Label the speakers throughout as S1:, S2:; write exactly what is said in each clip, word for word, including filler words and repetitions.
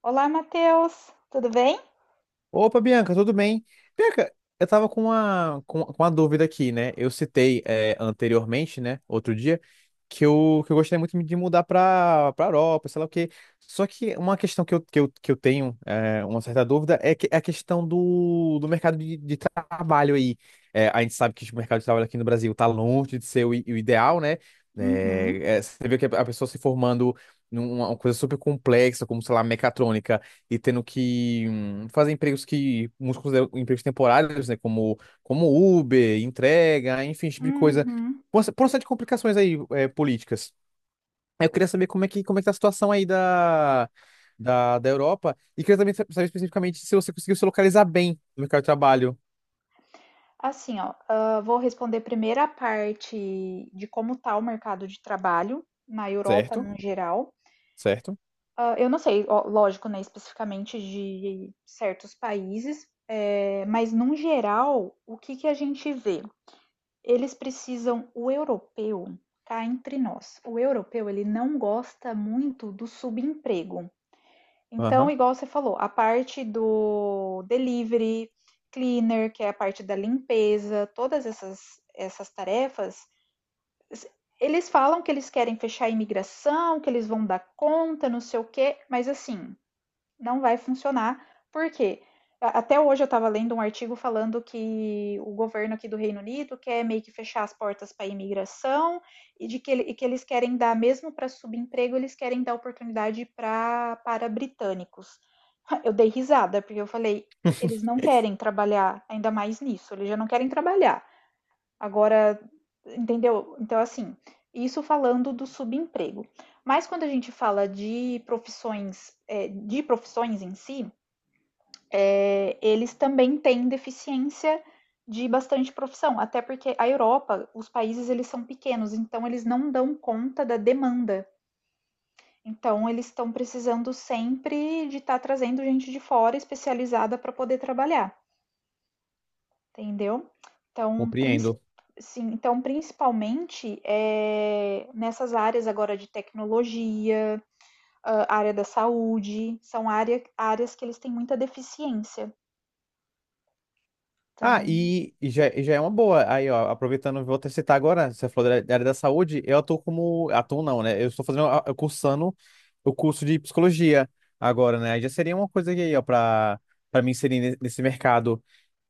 S1: Olá, Matheus, tudo bem?
S2: Opa, Bianca, tudo bem? Bianca, eu tava com uma, com, com uma dúvida aqui, né? Eu citei é, anteriormente, né, outro dia, que eu, que eu gostaria muito de mudar pra, pra Europa, sei lá o quê. Só que uma questão que eu, que eu, que eu tenho é, uma certa dúvida é, que, é a questão do, do mercado de, de trabalho aí. É, a gente sabe que o mercado de trabalho aqui no Brasil tá longe de ser o, i- o ideal, né?
S1: Uhum,
S2: É, é, você vê que a pessoa se formando numa uma coisa super complexa, como, sei lá, mecatrônica e tendo que hum, fazer empregos que muitos consideram empregos temporários, né? Como, como Uber, entrega, enfim, esse tipo de coisa.
S1: uhum.
S2: Por uma, por uma série de complicações aí, é, políticas. Eu queria saber como é que, como é que tá a situação aí da, da, da Europa e queria também sa- saber especificamente se você conseguiu se localizar bem no mercado de trabalho,
S1: Assim, ó, ah, vou responder primeiro a parte de como está o mercado de trabalho na Europa
S2: certo?
S1: no geral.
S2: Certo?
S1: Ah, eu não sei, ó, lógico, né, especificamente de certos países, eh, mas num geral, o que que a gente vê? Eles precisam, o europeu, cá entre nós, o europeu ele não gosta muito do subemprego. Então,
S2: Aham.
S1: igual você falou, a parte do delivery, cleaner, que é a parte da limpeza, todas essas, essas tarefas, eles falam que eles querem fechar a imigração, que eles vão dar conta, não sei o quê, mas assim, não vai funcionar, porque até hoje eu estava lendo um artigo falando que o governo aqui do Reino Unido quer meio que fechar as portas para a imigração e de que, ele- e que eles querem dar, mesmo para subemprego, eles querem dar oportunidade pra, para britânicos. Eu dei risada, porque eu falei, eles não querem trabalhar ainda mais nisso, eles já não querem trabalhar. Agora, entendeu? Então, assim, isso falando do subemprego. Mas quando a gente fala de profissões, é, de profissões em si, é, eles também têm deficiência de bastante profissão, até porque a Europa, os países eles são pequenos, então eles não dão conta da demanda, então eles estão precisando sempre de estar trazendo gente de fora especializada para poder trabalhar, entendeu? Então, princi-
S2: Compreendo.
S1: sim, então principalmente é nessas áreas agora de tecnologia, ah, área da saúde, são área, áreas que eles têm muita deficiência.
S2: Ah,
S1: Então,
S2: e, e já, e já é uma boa. Aí, ó, aproveitando, vou até citar agora, você falou da da área da saúde, eu atuo como. Atuo não, né? Eu estou fazendo, a- eu cursando o curso de psicologia agora, né? Aí já seria uma coisa aí, ó, pra, pra me inserir ne- nesse mercado.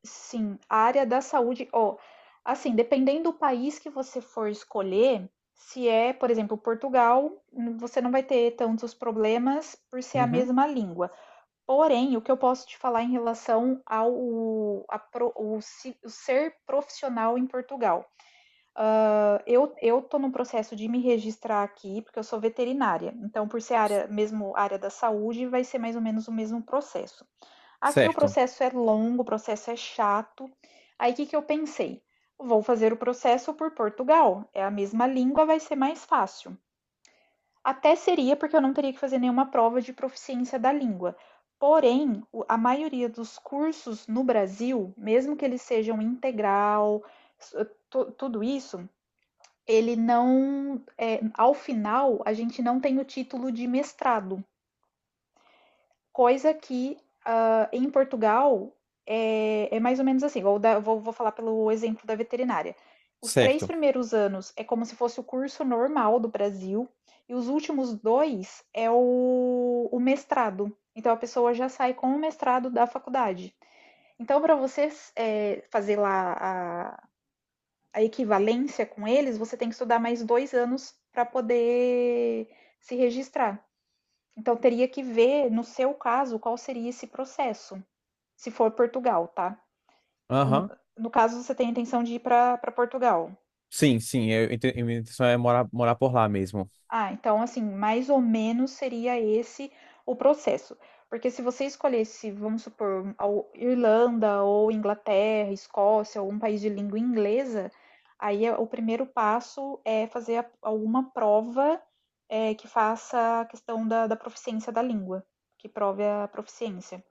S1: sim, a área da saúde, ó, assim, dependendo do país que você for escolher, se é, por exemplo, Portugal, você não vai ter tantos problemas por ser a
S2: Uhum.
S1: mesma língua. Porém, o que eu posso te falar em relação ao a pro- o, o, ser profissional em Portugal. Ah, Eu, eu tô num processo de me registrar aqui, porque eu sou veterinária. Então, por ser área, mesmo área da saúde, vai ser mais ou menos o mesmo processo. Aqui o
S2: Certo,
S1: processo é longo, o processo é chato. Aí, o que que eu pensei? Vou fazer o processo por Portugal. É a mesma língua, vai ser mais fácil. Até seria, porque eu não teria que fazer nenhuma prova de proficiência da língua. Porém, o- a maioria dos cursos no Brasil, mesmo que eles sejam integral, s- eh, tu- tudo isso, ele não, é, ao final, a gente não tem o título de mestrado, coisa que em Portugal, é, é mais ou menos assim, vou, dar- vou, vou falar pelo exemplo da veterinária. Os três
S2: certo.
S1: primeiros anos é como se fosse o curso normal do Brasil, e os últimos dois é o, o mestrado. Então a pessoa já sai com o mestrado da faculdade. Então, para você é, fazer lá a, a equivalência com eles, você tem que estudar mais dois anos para poder se registrar. Então, teria que ver, no seu caso, qual seria esse processo se for Portugal, tá? Ou No,
S2: Aham.
S1: no caso, você tem a intenção de ir para Portugal.
S2: Sim, sim, eu, inte- minha intenção é morar, morar por lá mesmo.
S1: Ah, então, assim, mais ou menos seria esse o processo. Porque se você escolhesse, vamos supor, ao- Irlanda ou Inglaterra, Escócia, ou um país de língua inglesa, aí é- o primeiro passo é fazer a- alguma prova é, que faça a questão da, da proficiência da língua, que prove a proficiência.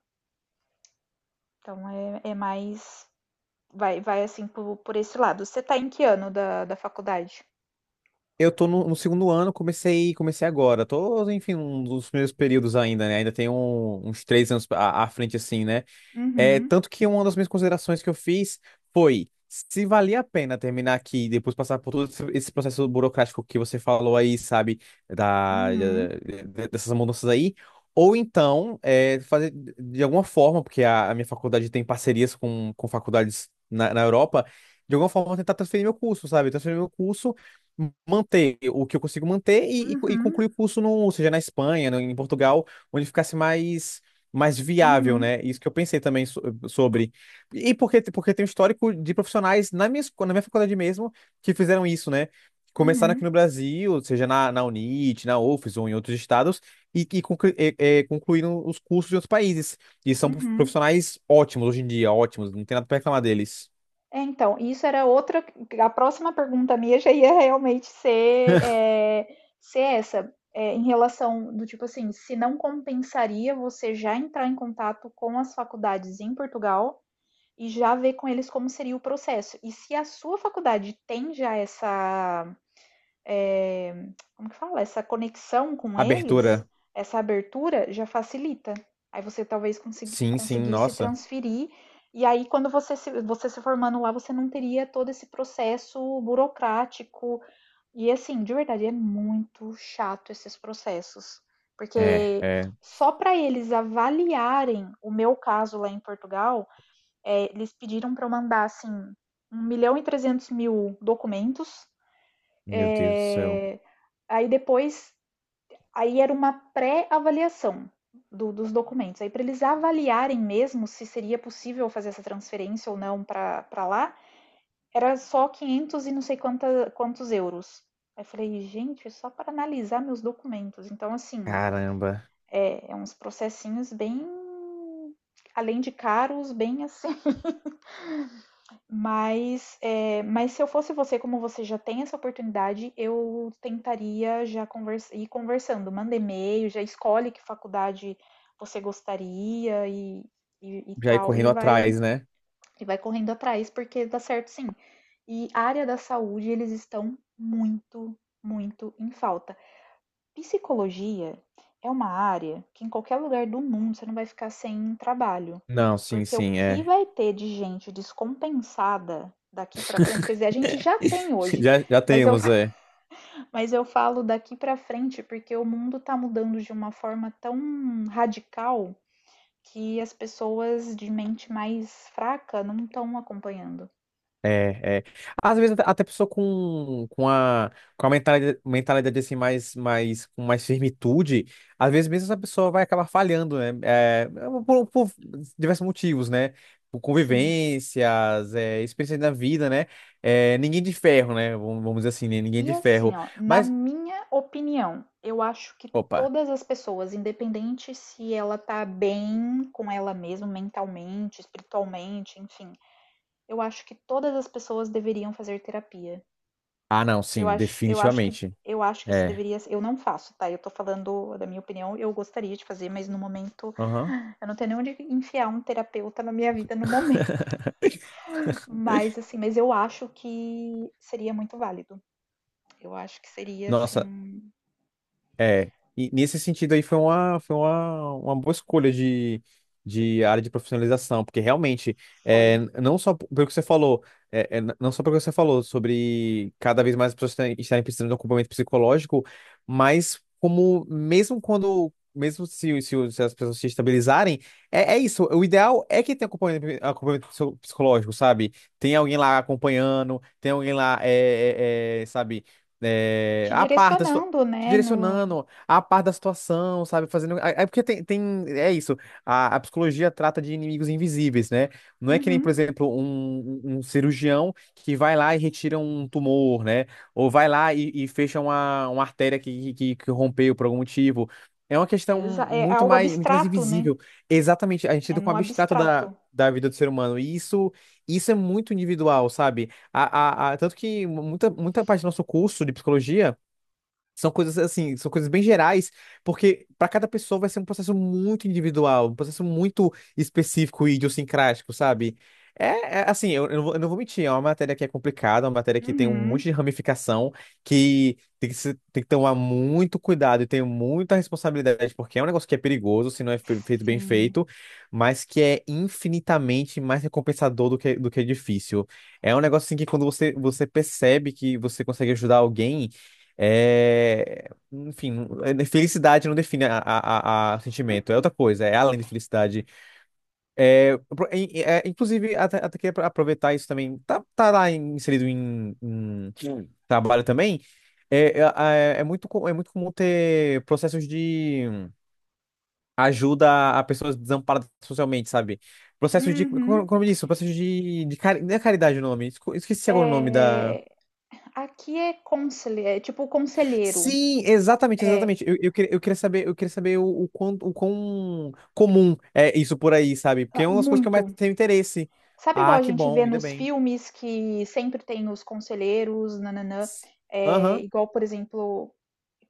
S1: Então, é é mais. Vai vai assim por por esse lado. Você tá em que ano da da faculdade?
S2: Eu tô no, no segundo ano, comecei, comecei agora. Tô, enfim, um dos primeiros períodos ainda, né? Ainda tenho um- uns três anos à, à frente, assim, né? É,
S1: Uhum,
S2: tanto que uma das minhas considerações que eu fiz foi se valia a pena terminar aqui e depois passar por todo esse esse processo burocrático que você falou aí, sabe, da,
S1: uhum,
S2: da- dessas mudanças aí, ou então é, fazer de alguma forma, porque a, a minha faculdade tem parcerias com, com faculdades na, na Europa, de alguma forma tentar transferir meu curso, sabe, transferir meu curso, manter o que eu consigo manter e, e, e
S1: uhum,
S2: concluir o curso no, seja na Espanha, no- em Portugal, onde ficasse mais mais viável,
S1: uhum,
S2: né? Isso que eu pensei também so- sobre. E porque, porque tem um histórico de profissionais na minha, esco- na minha faculdade mesmo que fizeram isso, né? Começaram aqui
S1: uhum,
S2: no Brasil, seja na, na UNIT, na UFES ou em outros estados, e, e, conclu- e- é, concluíram os cursos de outros países. E são prof-
S1: uhum.
S2: profissionais ótimos hoje em dia, ótimos, não tem nada para reclamar deles.
S1: É, então, isso era outra, a próxima pergunta minha já ia realmente ser, é ser essa, eh, em relação do tipo assim, se não compensaria você já entrar em contato com as faculdades em Portugal e já ver com eles como seria o processo. E se a sua faculdade tem já essa eh, como que fala? Essa conexão com eles,
S2: Abertura.
S1: essa abertura já facilita. Aí você talvez consegui-
S2: Sim, sim,
S1: conseguisse
S2: nossa.
S1: transferir, e aí quando você se, você se formando lá, você não teria todo esse processo burocrático. E assim, de verdade, é muito chato esses processos.
S2: É,
S1: Porque
S2: é.
S1: só para eles avaliarem o meu caso lá em Portugal, eh, eles pediram para eu mandar assim um milhão e trezentos mil documentos.
S2: Meu Deus do céu.
S1: É. Aí depois, aí era uma pré-avaliação do- dos documentos. Aí, para eles avaliarem mesmo se seria possível fazer essa transferência ou não para lá, era só quinhentos e não sei quanta, quantos euros. Aí eu falei, gente, é só para analisar meus documentos. Então, assim,
S2: Caramba.
S1: é, é uns processinhos bem, além de caros, bem assim. Mas, eh, mas se eu fosse você, como você já tem essa oportunidade, eu tentaria já convers ir conversando, manda e-mail, já escolhe que faculdade você gostaria e, e, e
S2: Já ir
S1: tal, e
S2: correndo
S1: vai,
S2: atrás, né?
S1: e vai correndo atrás, porque dá certo sim. E a área da saúde, eles estão muito, muito em falta. Psicologia é uma área que em qualquer lugar do mundo você não vai ficar sem trabalho,
S2: Não, sim,
S1: porque o
S2: sim,
S1: que
S2: é.
S1: vai ter de gente descompensada daqui para frente, quer dizer, a gente já tem hoje,
S2: Já, já
S1: mas eu,
S2: temos, é.
S1: mas eu falo daqui para frente porque o mundo está mudando de uma forma tão radical que as pessoas de mente mais fraca não estão acompanhando.
S2: É, é. Às vezes até até pessoa com, com a, com a mentalidade, mentalidade assim mais, mais, com mais firmitude, às vezes mesmo essa pessoa vai acabar falhando, né? É, por, por diversos motivos, né? Por
S1: Sim.
S2: convivências, é, experiências da vida, né? É, ninguém de ferro, né? Vamos vamos dizer assim, né? Ninguém
S1: E
S2: de
S1: assim,
S2: ferro.
S1: ó, na
S2: Mas,
S1: minha opinião, eu acho que
S2: opa.
S1: todas as pessoas, independente se ela tá bem com ela mesma mentalmente, espiritualmente, enfim, eu acho que todas as pessoas deveriam fazer terapia.
S2: Ah, não,
S1: Eu
S2: sim,
S1: acho, eu acho que
S2: definitivamente.
S1: eu acho que isso
S2: É.
S1: deveria, eu não faço, tá? Eu tô falando da minha opinião, eu gostaria de fazer, mas no momento
S2: Aham.
S1: eu não tenho nem onde enfiar um terapeuta na minha vida no momento. Mas assim, mas eu acho que seria muito válido. Eu acho que seria
S2: Nossa,
S1: assim,
S2: é, e nesse sentido aí foi uma, foi uma, uma boa escolha de, de área de profissionalização, porque realmente, é,
S1: foi.
S2: não só pelo que você falou, é, é, não só pelo que você falou sobre cada vez mais as pessoas estarem estarem precisando de um acompanhamento psicológico, mas como mesmo quando, mesmo se, se, se as pessoas se estabilizarem, é, é isso, o ideal é que tenha acompanhamento, acompanhamento psico- psicológico, sabe? Tem alguém lá acompanhando, tem alguém lá, é, é, é, sabe? É,
S1: Te
S2: a parte,
S1: direcionando,
S2: te
S1: né? No...
S2: direcionando à par da situação, sabe? Fazendo. É é porque tem, tem... É isso. A, a psicologia trata de inimigos invisíveis, né? Não é que nem, por
S1: Uhum.
S2: exemplo, um, um um cirurgião que vai lá e retira um tumor, né? Ou vai lá e, e fecha uma, uma artéria que, que, que rompeu por algum motivo. É uma questão
S1: Exa- é
S2: muito
S1: algo
S2: mais, muito mais
S1: abstrato, né?
S2: invisível. Exatamente. A gente
S1: É
S2: lida com o
S1: no
S2: abstrato
S1: abstrato.
S2: da. Da vida do ser humano. E isso, isso é muito individual, sabe? A, a, a- tanto que muita, muita parte do nosso curso de psicologia são coisas assim, são coisas bem gerais, porque para cada pessoa vai ser um processo muito individual, um processo muito específico e idiosincrático, sabe? É, é, assim, eu, eu não vou eu não vou mentir, é uma matéria que é complicada, é uma matéria que tem um monte
S1: Uhum.
S2: de ramificação, que tem que, se- tem que tomar muito cuidado e tem muita responsabilidade, porque é um negócio que é perigoso se não é fe- feito bem
S1: Sim.
S2: feito, mas que é infinitamente mais recompensador do que, do que é difícil. É um negócio assim que quando você, você percebe que você consegue ajudar alguém. É, enfim, felicidade não define a, a, a, a sentimento, é outra coisa, é além de felicidade. É, pro- em- é, inclusive, até, até que pra aproveitar isso também, tá, tá lá inserido em, em hum trabalho também. É, é, é é muito, co- é muito comum ter processos de ajuda a pessoas desamparadas socialmente, sabe? Processos de, como,
S1: Uhum.
S2: como eu disse, processos de, de, cari- não é caridade o nome, esco- esqueci agora o nome da.
S1: É, aqui é conselheiro, é tipo conselheiro.
S2: Sim, exatamente,
S1: É,
S2: exatamente. Eu, eu, queria, eu queria saber, eu queria saber o, o quão, o quão comum é isso por aí, sabe? Porque
S1: ah,
S2: é uma das coisas que eu mais
S1: muito.
S2: tenho interesse.
S1: Sabe igual
S2: Ah,
S1: a
S2: que
S1: gente vê
S2: bom, ainda
S1: nos
S2: bem.
S1: filmes que sempre tem os conselheiros, nananã?
S2: S-
S1: É,
S2: Aham.
S1: igual, por exemplo,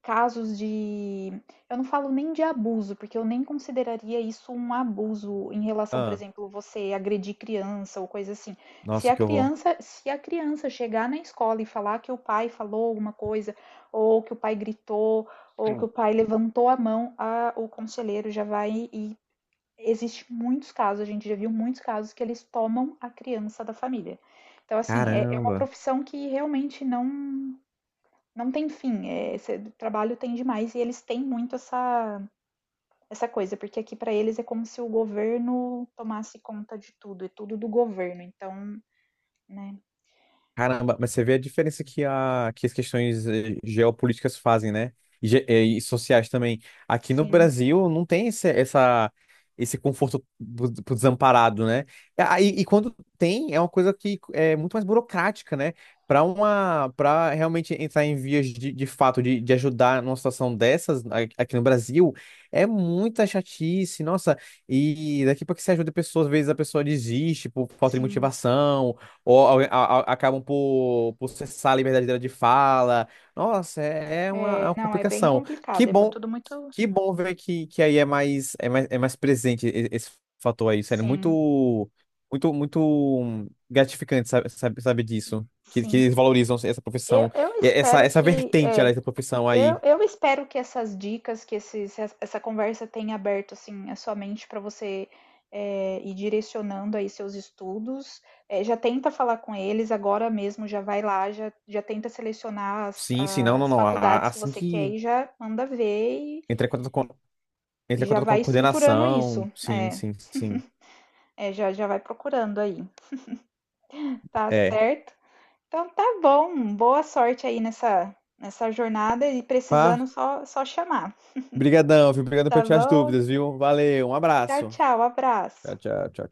S1: casos de. Eu não falo nem de abuso, porque eu nem consideraria isso um abuso em relação, por
S2: Ah,
S1: exemplo, você agredir criança ou coisa assim. Se
S2: nossa,
S1: a
S2: que horror.
S1: criança, se a criança chegar na escola e falar que o pai falou alguma coisa, ou que o pai gritou, ou que o pai levantou a mão, a- o conselheiro já vai e existe muitos casos, a gente já viu muitos casos que eles tomam a criança da família. Então, assim, é é uma
S2: Caramba.
S1: profissão que realmente não não tem fim, eh, esse é, trabalho tem demais e eles têm muito essa essa coisa, porque aqui para eles é como se o governo tomasse conta de tudo, é tudo do governo, então, né.
S2: Caramba, mas você vê a diferença que, a, que as questões eh, geopolíticas fazem, né? E, ge- eh, e sociais também. Aqui no
S1: Sim,
S2: Brasil não tem esse, essa, esse conforto pro, pro desamparado, né? E, aí- e quando tem, é uma coisa que é muito mais burocrática, né? Para uma, para realmente entrar em vias de, de fato de, de ajudar numa situação dessas a- aqui no Brasil, é muita chatice, nossa. E daqui para que você ajude pessoas, às vezes a pessoa desiste por falta de
S1: sim.
S2: motivação ou alguém- a- a- acabam por, por cessar a liberdade dela de fala. Nossa, é, é uma, é
S1: É,
S2: uma
S1: não, é bem
S2: complicação.
S1: complicado,
S2: Que
S1: é mu
S2: bom,
S1: tudo muito,
S2: que bom ver que, que aí é mais, é mais, é mais presente e- esse fator aí, sério.
S1: sim,
S2: Muito, muito, muito gratificante sabe, sabe, saber disso. Que, que
S1: sim.
S2: eles valorizam essa
S1: Eu
S2: profissão,
S1: eu
S2: e essa,
S1: espero
S2: essa
S1: que
S2: vertente, ela,
S1: é.
S2: essa profissão
S1: Eu,
S2: aí.
S1: eu espero que essas dicas, que esses, essa conversa tenha aberto assim a sua mente para você é, ir direcionando aí seus estudos. É, já tenta falar com eles agora mesmo, já vai lá, já, já tenta selecionar as,
S2: Sim, sim, não, não,
S1: as
S2: não. A-
S1: faculdades que
S2: Assim
S1: você quer
S2: que
S1: e já manda ver
S2: entrar em contato com, entrar
S1: e
S2: em
S1: já
S2: contato com a
S1: vai estruturando
S2: coordenação,
S1: isso.
S2: sim,
S1: É,
S2: sim, sim.
S1: é, já, já vai procurando aí, tá
S2: É.
S1: certo? Então tá bom, boa sorte aí nessa, nessa jornada e precisando só, só chamar,
S2: Obrigadão, viu? Obrigado por
S1: tá
S2: tirar as
S1: bom?
S2: dúvidas, viu? Valeu, um
S1: Tchau,
S2: abraço.
S1: tchau, abraço.
S2: Tchau, tchau, tchau.